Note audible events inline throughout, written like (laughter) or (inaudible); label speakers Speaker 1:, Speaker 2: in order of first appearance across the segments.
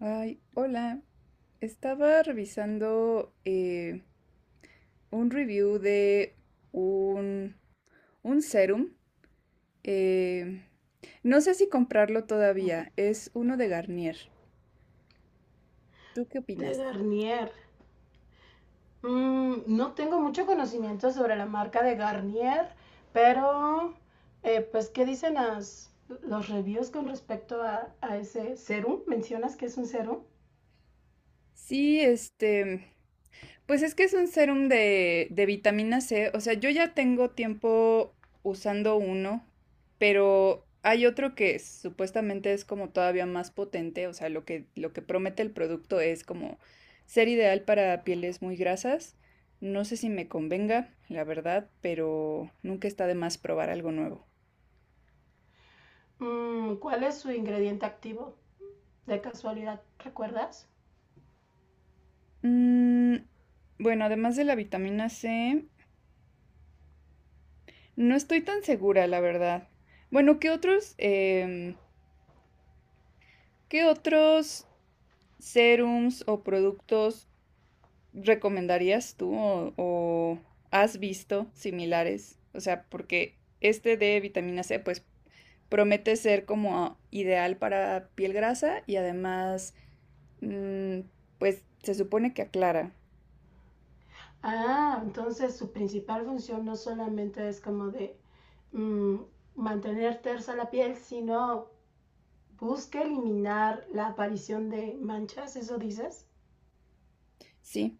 Speaker 1: Ay, hola. Estaba revisando un review de un, un serum. eh, no sé si comprarlo todavía. Es uno de Garnier. ¿Tú qué
Speaker 2: De
Speaker 1: opinas?
Speaker 2: Garnier. No tengo mucho conocimiento sobre la marca de Garnier, pero pues, ¿qué dicen los reviews con respecto a, ese serum? ¿Mencionas que es un serum?
Speaker 1: Sí, este. Pues es que es un serum de vitamina C. O sea, yo ya tengo tiempo usando uno, pero hay otro que supuestamente es como todavía más potente. O sea, lo que promete el producto es como ser ideal para pieles muy grasas. No sé si me convenga, la verdad, pero nunca está de más probar algo nuevo.
Speaker 2: ¿Cuál es su ingrediente activo? De casualidad, ¿recuerdas?
Speaker 1: Mm, bueno, además de la vitamina C, no estoy tan segura, la verdad. Bueno, qué otros serums o productos recomendarías tú o has visto similares? O sea, porque este de vitamina C, pues promete ser como ideal para piel grasa y además, mm, pues se supone que aclara.
Speaker 2: Ah, entonces su principal función no solamente es como de mm, mantener tersa la piel, sino busca eliminar la aparición de manchas, ¿eso dices?
Speaker 1: Sí,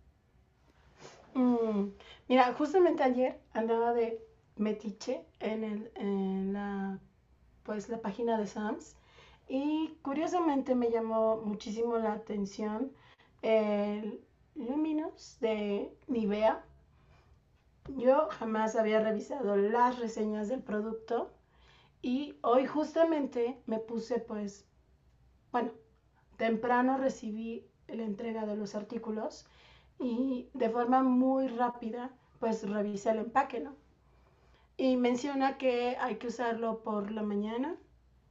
Speaker 2: Mm, Mira, justamente ayer andaba de metiche en, el, en la, pues, la página de Sam's y curiosamente me llamó muchísimo la atención el Luminous de Nivea. Yo jamás había revisado las reseñas del producto y hoy justamente me puse pues, bueno, temprano recibí la entrega de los artículos y de forma muy rápida pues revisé el empaque, ¿no? Y menciona que hay que usarlo por la mañana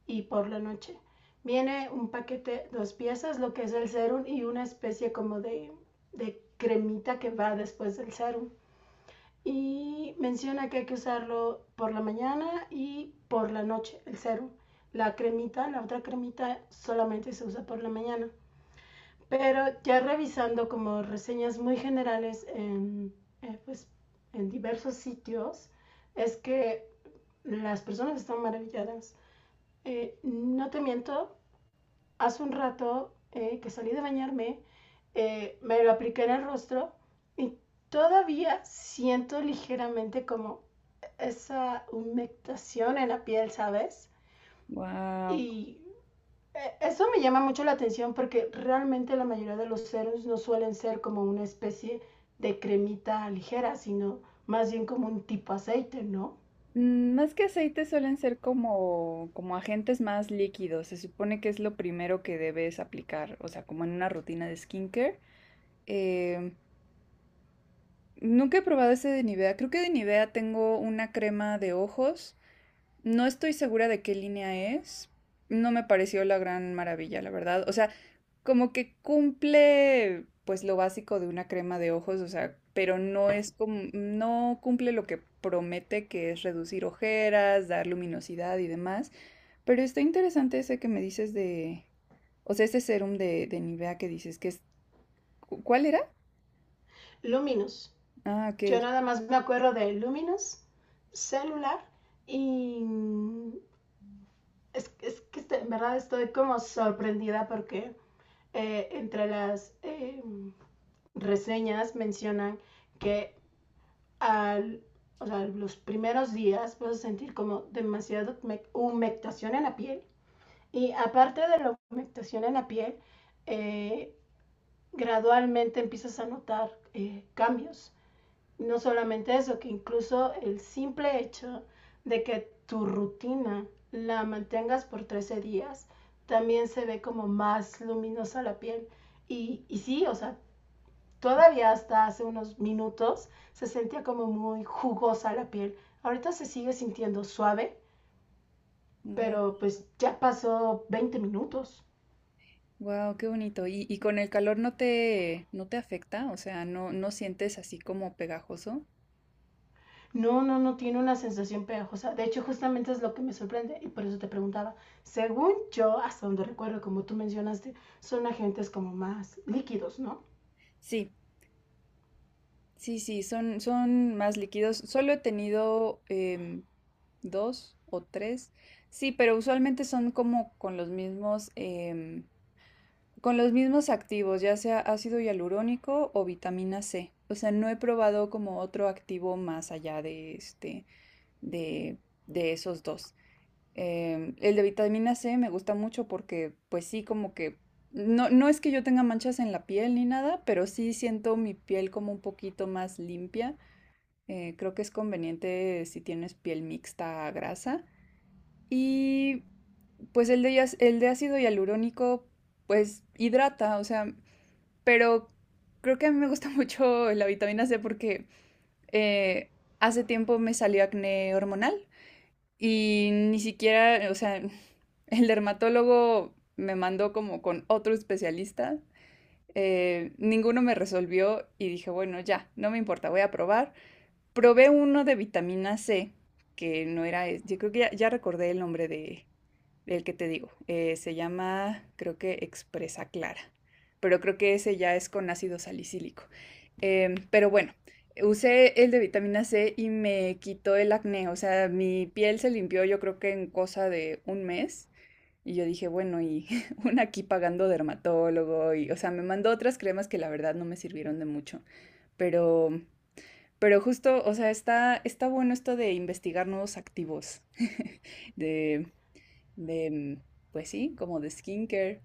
Speaker 2: y por la noche. Viene un paquete, dos piezas, lo que es el serum y una especie como de cremita que va después del serum. Y menciona que hay que usarlo por la mañana y por la noche, el serum. La cremita, la otra cremita solamente se usa por la mañana. Pero ya revisando como reseñas muy generales pues, en diversos sitios, es que las personas están maravilladas. No te miento, hace un rato que salí de bañarme, me lo apliqué en el rostro y todavía siento ligeramente como esa humectación en la piel, ¿sabes?
Speaker 1: wow.
Speaker 2: Y eso me llama mucho la atención porque realmente la mayoría de los serums no suelen ser como una especie de cremita ligera, sino más bien como un tipo aceite, ¿no?
Speaker 1: Más que aceite suelen ser como agentes más líquidos. Se supone que es lo primero que debes aplicar, o sea, como en una rutina de skincare. Eh, Nunca he probado ese de Nivea. Creo que de Nivea tengo una crema de ojos. No estoy segura de qué línea es. No me pareció la gran maravilla, la verdad. O sea, como que cumple pues lo básico de una crema de ojos, o sea, pero no es como, no cumple lo que promete que es reducir ojeras, dar luminosidad y demás. Pero está interesante ese que me dices de, o sea, ese serum de Nivea que dices que es, ¿cuál era?
Speaker 2: Luminous.
Speaker 1: Ah, ok.
Speaker 2: Yo nada más me acuerdo de Luminous, celular y es que este, en verdad estoy como sorprendida porque entre las reseñas mencionan que al, o sea, los primeros días vas a sentir como demasiada humectación en la piel. Y aparte de la humectación en la piel, eh, gradualmente empiezas a notar cambios. No solamente eso, que incluso el simple hecho de que tu rutina la mantengas por 13 días, también se ve como más luminosa la piel. Y sí, o sea, todavía hasta hace unos minutos se sentía como muy jugosa la piel. Ahorita se sigue sintiendo suave, pero pues ya pasó 20 minutos.
Speaker 1: Wow, qué bonito. ¿Y con el calor no te afecta? O sea, no, no sientes así como pegajoso.
Speaker 2: No, no, no tiene una sensación pegajosa. De hecho, justamente es lo que me sorprende y por eso te preguntaba. Según yo, hasta donde recuerdo, como tú mencionaste, son agentes como más líquidos, ¿no?
Speaker 1: Sí, sí, sí, son más líquidos. Solo he tenido dos o tres. Sí, pero usualmente son como con los mismos activos, ya sea ácido hialurónico o vitamina C. O sea, no he probado como otro activo más allá de, de esos dos. El de vitamina C me gusta mucho porque, pues sí, como que no, no es que yo tenga manchas en la piel ni nada, pero sí siento mi piel como un poquito más limpia. Creo que es conveniente si tienes piel mixta a grasa. Y pues el de ácido hialurónico, pues hidrata, o sea, pero creo que a mí me gusta (laughs) mucho la vitamina C porque eh, hace tiempo me salió acné hormonal y ni siquiera, o sea, (laughs) el dermatólogo me mandó como con otro especialista. Ninguno me resolvió y dije, bueno, ya, no me importa, voy a probar. Probé uno de vitamina C, que no era, es- yo creo que ya recordé el nombre de, el que te digo, se llama, creo que Expresa Clara, pero creo que ese ya es con ácido salicílico. Pero bueno, usé el de vitamina C y me quitó el acné, o sea, mi piel se limpió yo creo que en cosa de un mes. Y yo dije, bueno, y (laughs) una aquí pagando dermatólogo, y, o sea, me mandó otras cremas que la verdad no me sirvieron de mucho, pero, pero justo, o sea, está bueno esto de investigar nuevos activos, (laughs) de, de, mm, pues sí, como de skincare.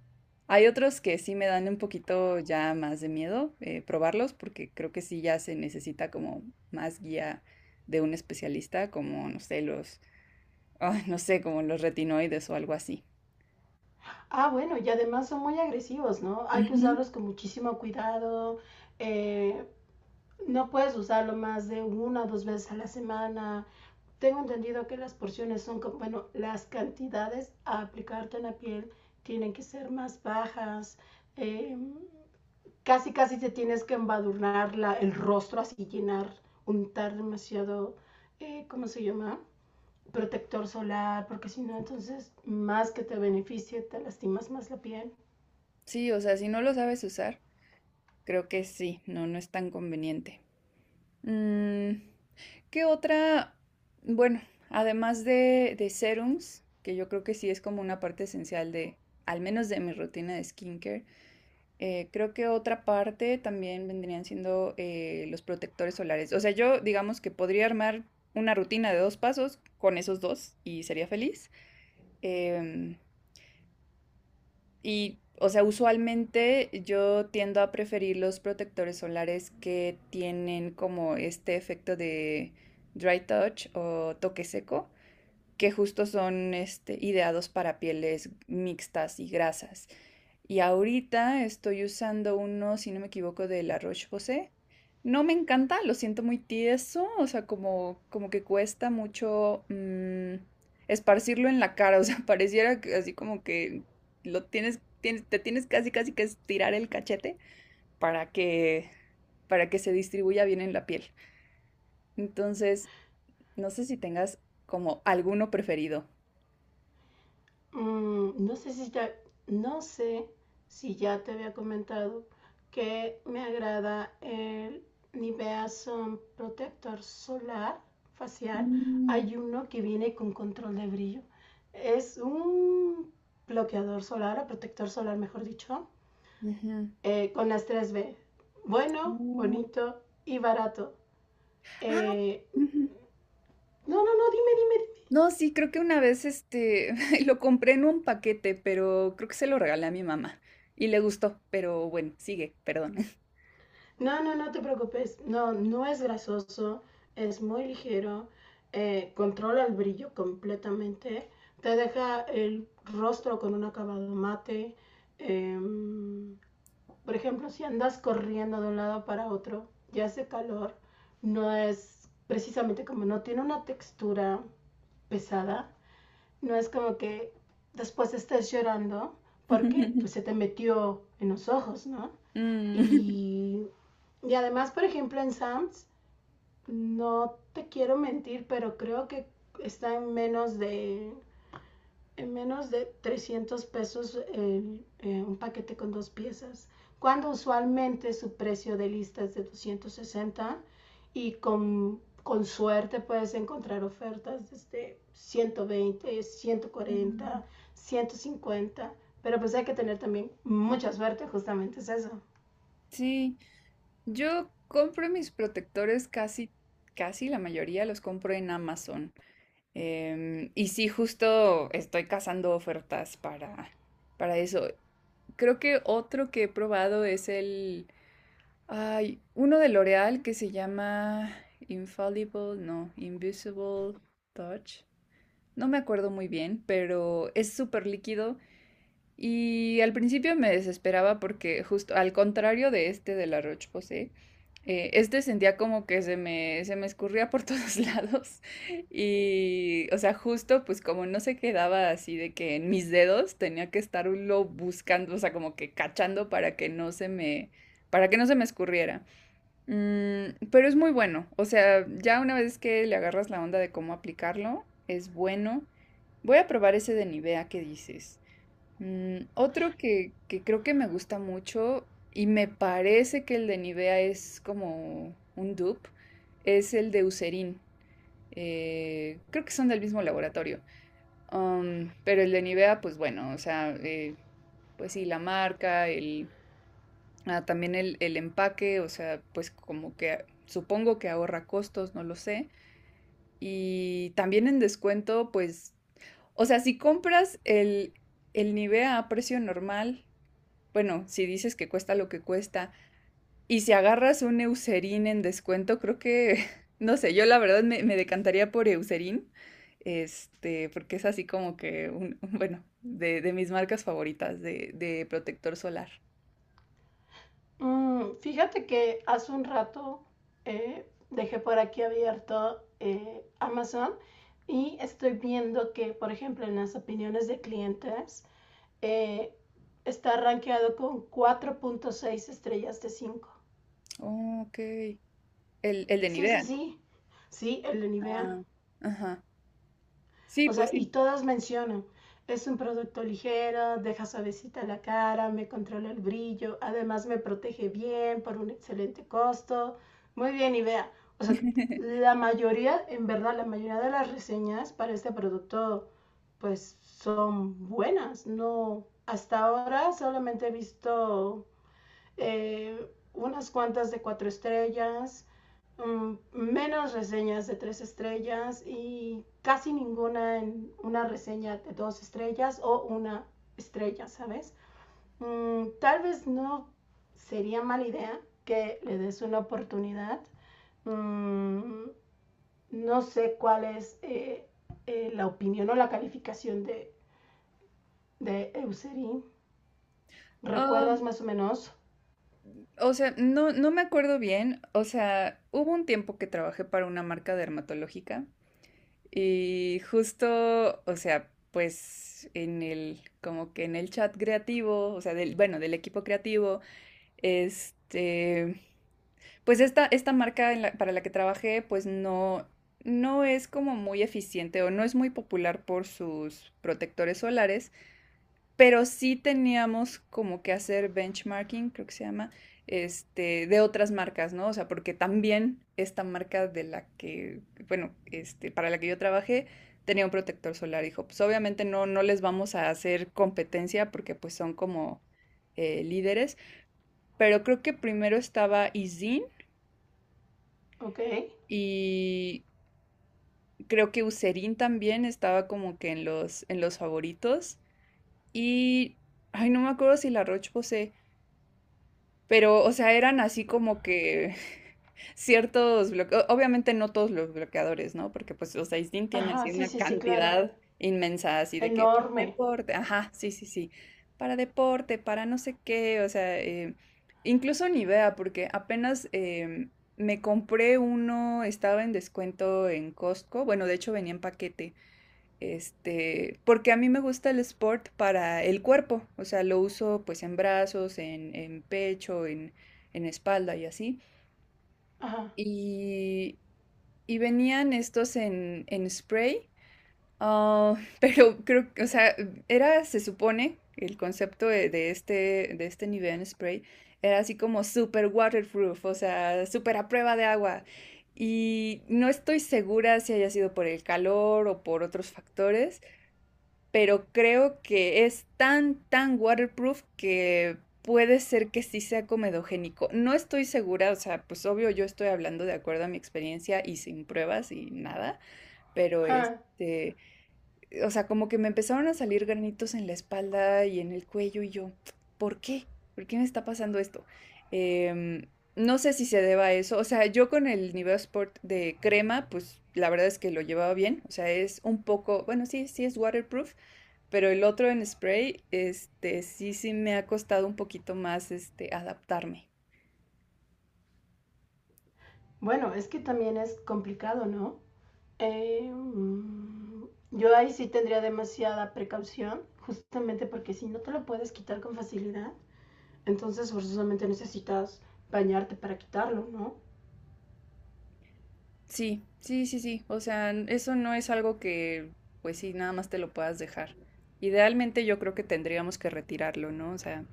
Speaker 1: Hay otros que sí me dan un poquito ya más de miedo probarlos porque creo que sí ya se necesita como más guía de un especialista, como, no sé, (laughs) ah, no sé, como los retinoides o algo así.
Speaker 2: Ah, bueno, y además son muy agresivos, ¿no? Hay que
Speaker 1: Ujú.
Speaker 2: usarlos con muchísimo cuidado. Eh, no puedes usarlo más de una o dos veces a la semana. Tengo entendido que las porciones son, bueno, las cantidades a aplicarte en la piel tienen que ser más bajas. eh, Casi, casi te tienes que embadurnar el rostro, así llenar, untar demasiado, ¿cómo se llama? Protector solar, porque si no, entonces más que te beneficie, te lastimas más la piel.
Speaker 1: Sí, o sea, si no lo sabes usar, creo que sí, no, no es tan conveniente. Mm, ¿qué otra? Bueno, además de serums, que yo creo que sí es como una parte esencial de, al menos de mi rutina de skincare, creo que otra parte también vendrían siendo los protectores solares. O sea, yo digamos que podría armar una rutina de dos pasos con esos dos y sería feliz. Em, y, o sea, usualmente yo tiendo a preferir los protectores solares que tienen como este efecto de dry touch o toque seco, que justo son ideados para pieles mixtas y grasas. Y ahorita estoy usando uno, si no me equivoco, de La Roche-Posay. No me encanta, lo siento muy tieso, o sea, como que cuesta mucho esparcirlo en la cara, o sea, (laughs) pareciera que así como que te tienes casi casi que estirar el cachete para que, para que se distribuya bien en la piel. Entonces, no sé si tengas como alguno preferido.
Speaker 2: Mm, no sé si ya, no sé si ya te había comentado que me agrada el Nivea Sun Protector Solar Facial.
Speaker 1: Mm.
Speaker 2: Hay uno que viene con control de brillo. Es un bloqueador solar o protector solar, mejor dicho,
Speaker 1: Ujú.
Speaker 2: con las tres b. Bueno,
Speaker 1: Oh.
Speaker 2: bonito y barato.
Speaker 1: Ah,
Speaker 2: Eh,
Speaker 1: ujú.
Speaker 2: no, no, no, dime, dime, dime.
Speaker 1: No, sí, creo que una vez (laughs) lo compré en un paquete, pero creo que se lo regalé a mi mamá y le gustó, pero bueno, sigue, perdón.
Speaker 2: No, no, no te preocupes. No, no es grasoso, es muy ligero, controla el brillo completamente, te deja el rostro con un acabado mate. em, por ejemplo, si andas corriendo de un lado para otro y hace calor, no es precisamente como no tiene una textura pesada, no es como que después estés llorando porque
Speaker 1: (laughs)
Speaker 2: pues se te metió en los ojos, ¿no?
Speaker 1: Mm.
Speaker 2: Y, y además, por ejemplo, en Sam's, no te quiero mentir, pero creo que está en menos de 300 pesos un paquete con dos piezas, cuando usualmente su precio de lista es de 260 y con suerte puedes encontrar ofertas desde 120,
Speaker 1: Mm,
Speaker 2: 140, 150, pero pues hay que tener también mucha suerte, justamente es eso.
Speaker 1: Sí, yo compro mis protectores casi, casi la mayoría los compro en Amazon. Y sí, justo estoy cazando ofertas para eso. Creo que otro que he probado es el. Hay uno de L'Oreal que se llama Infallible, no, Invisible Touch. No me acuerdo muy bien, pero es súper líquido. Y al principio me desesperaba porque justo al contrario de este de la Roche-Posay, este sentía como que se me escurría por (laughs) todos lados. Y, o sea, justo pues como no se quedaba así de que en mis dedos tenía que estarlo buscando, o sea, como que cachando para que no se me escurriera. Pero es muy bueno. O sea, ya una vez que le agarras la onda de cómo aplicarlo, es bueno. Voy a probar ese de Nivea que dices. Otro que creo que me gusta mucho y me parece que el de Nivea es como un dupe, es el de Eucerin. Creo que son del mismo laboratorio. Pero el de Nivea, pues bueno, o sea, pues sí, la marca, el Ah, también el empaque, o sea, pues como que supongo que ahorra costos, no lo sé. Y también en descuento, pues, o sea, si compras el Nivea a precio normal, bueno, si dices que cuesta lo que cuesta, y si agarras un Eucerin en descuento, creo que, (laughs) no sé, yo la verdad me decantaría por Eucerin, porque es así como que, (laughs) bueno, de mis marcas favoritas de protector solar.
Speaker 2: Fíjate que hace un rato dejé por aquí abierto Amazon y estoy viendo que, por ejemplo, en las opiniones de clientes eh, está rankeado con 4.6 estrellas de 5.
Speaker 1: Oh, ok. El de
Speaker 2: Sí, sí,
Speaker 1: Nivea.
Speaker 2: sí. Sí, el de Nivea.
Speaker 1: Ah, ajá. Sí,
Speaker 2: O sea,
Speaker 1: pues
Speaker 2: y
Speaker 1: sí.
Speaker 2: todas mencionan, es un producto ligero, deja suavecita la cara, me controla el brillo, además me protege bien por un excelente costo. Muy bien, y vea, o sea, la
Speaker 1: (laughs)
Speaker 2: mayoría, en verdad, la mayoría de las reseñas para este producto, pues son buenas. No, hasta ahora solamente he visto eh, unas cuantas de cuatro estrellas, menos reseñas de tres estrellas y casi ninguna en una reseña de dos estrellas o una estrella, ¿sabes? Tal vez no sería mala idea que le des una oportunidad. Um, no sé cuál es la opinión o la calificación de Eucerin.
Speaker 1: Ah,
Speaker 2: ¿Recuerdas más o menos?
Speaker 1: o sea, no, no me acuerdo bien. O sea, hubo un tiempo que trabajé para una marca dermatológica y justo, o sea, pues en como que en el chat creativo, o sea, bueno, del equipo creativo, este, pues esta marca para la que trabajé, pues no, no es como muy eficiente o no es muy popular por sus protectores solares. Pero sí teníamos como que hacer benchmarking, creo que se llama, de otras marcas, ¿no? O sea, porque también esta marca bueno, para la que yo trabajé, tenía un protector solar. Dijo, pues obviamente no, no les vamos a hacer competencia porque pues son como líderes, pero creo que primero estaba Izin
Speaker 2: Ok.
Speaker 1: y creo que Userin también estaba como que en los favoritos y, ay, no me acuerdo si la Roche Posay. Pero, o sea, eran así como que (laughs) ciertos bloqueos, obviamente no todos los bloqueadores, ¿no? Porque pues, o sea, Isdin tiene
Speaker 2: Ajá,
Speaker 1: así
Speaker 2: sí,
Speaker 1: una
Speaker 2: sí, sí, claro.
Speaker 1: cantidad inmensa, así de que para
Speaker 2: Enorme.
Speaker 1: deporte, ajá, sí, sí, sí, para deporte, para no sé qué, o sea, incluso ni vea porque apenas me compré uno, estaba en descuento en Costco, bueno, de hecho venía en paquete, porque a mí me gusta el sport para el cuerpo, o sea, lo uso pues en brazos, en pecho, en espalda y así.
Speaker 2: Ajá.
Speaker 1: Y, y venían estos en spray, ah, (laughs) pero creo que, o sea, era, se supone, el concepto de este nivel en spray era así como super waterproof, o sea, super a prueba de agua. Y no estoy segura si haya sido por el calor o por otros factores, pero creo que es tan, tan waterproof que puede ser que sí sea comedogénico. No estoy segura, o sea, pues obvio yo estoy hablando de acuerdo a mi experiencia y sin pruebas y nada, pero
Speaker 2: Ajá.
Speaker 1: o sea, como que me empezaron a salir granitos en la espalda y en el cuello y yo, ¿por qué? ¿Por qué me está pasando esto? Em, no sé si se deba a eso. O sea, yo con el Nivea Sport de crema, pues la verdad es que lo llevaba bien. O sea, es un poco, bueno, sí, sí es waterproof, pero el otro en spray, sí, sí me ha costado un poquito más, adaptarme.
Speaker 2: Bueno, es que también es complicado, ¿no? Eh, mm, yo ahí sí tendría demasiada precaución, justamente porque si no te lo puedes quitar con facilidad, entonces forzosamente necesitas bañarte para quitarlo, ¿no?
Speaker 1: Sí, sí, sí, sí. O sea, eso no es algo que, pues sí, nada más te lo puedas dejar. Idealmente yo creo que tendríamos que retirarlo, ¿no? O sea,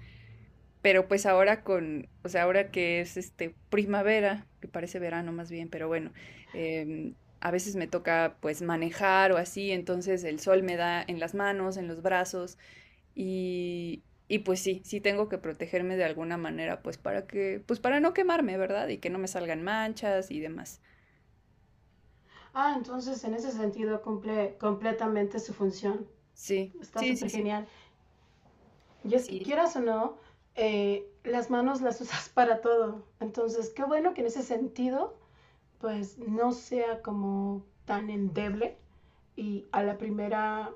Speaker 1: pero pues ahora ahora que es primavera, que parece verano más bien, pero bueno, em, a veces me toca pues manejar o así, entonces el sol me da en las manos, en los brazos. Y pues sí, sí tengo que protegerme de alguna manera, pues para que, pues para no quemarme, ¿verdad? Y que no me salgan manchas y demás.
Speaker 2: Ah, entonces en ese sentido cumple completamente su función.
Speaker 1: Sí,
Speaker 2: Está
Speaker 1: sí, sí,
Speaker 2: súper
Speaker 1: sí,
Speaker 2: genial. Y es que
Speaker 1: sí,
Speaker 2: quieras o no, las manos las (laughs) usas para todo. Entonces, qué bueno que en ese sentido pues no sea como tan endeble y a la primera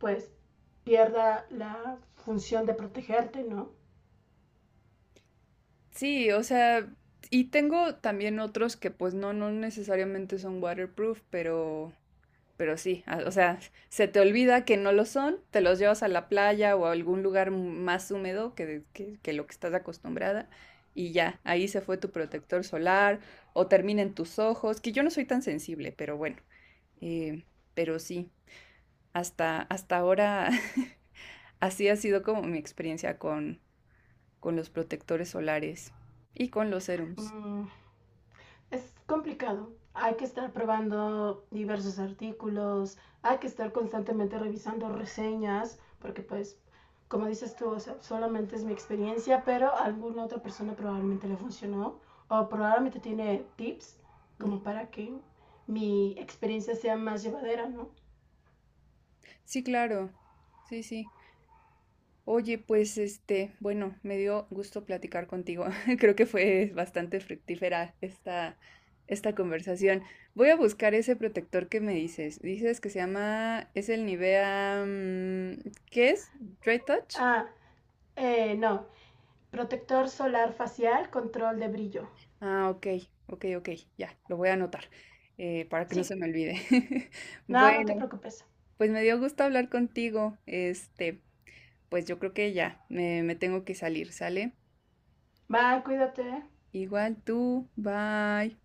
Speaker 2: pues pierda la función de protegerte, ¿no?
Speaker 1: sí, o sea, y tengo también otros que pues no, no necesariamente son waterproof, pero sí, o sea, se te olvida que no lo son, te los llevas a la playa o a algún lugar más húmedo que lo que estás acostumbrada y ya, ahí se fue tu protector solar o termina en tus ojos, que yo no soy tan sensible, pero bueno, eh, pero sí, hasta ahora (laughs) así ha sido como mi experiencia con los protectores solares y con los serums.
Speaker 2: Mm, es complicado. Hay que estar probando diversos artículos, hay que estar constantemente revisando reseñas, porque pues, como dices tú, o sea, solamente es mi experiencia, pero a alguna otra persona probablemente le funcionó o probablemente tiene tips
Speaker 1: Ujú.
Speaker 2: como para que mi experiencia sea más llevadera, ¿no?
Speaker 1: Sí, claro, sí, sí. Oye, pues bueno, me dio gusto platicar contigo. (laughs) Creo que fue bastante fructífera esta conversación. Voy a buscar ese protector que me dices. Dices que se llama, es el Nivea, ¿qué es? Dry Touch.
Speaker 2: Ah, no. Protector solar facial, control de brillo.
Speaker 1: Ah, ok, ok, ok, ya, lo voy a anotar para que no
Speaker 2: Sí.
Speaker 1: se me olvide. (laughs)
Speaker 2: No, no te
Speaker 1: Bueno,
Speaker 2: preocupes.
Speaker 1: pues me dio gusto hablar contigo. Pues yo creo que ya, me tengo que salir, ¿sale?
Speaker 2: Bye, cuídate.
Speaker 1: Igual tú, bye.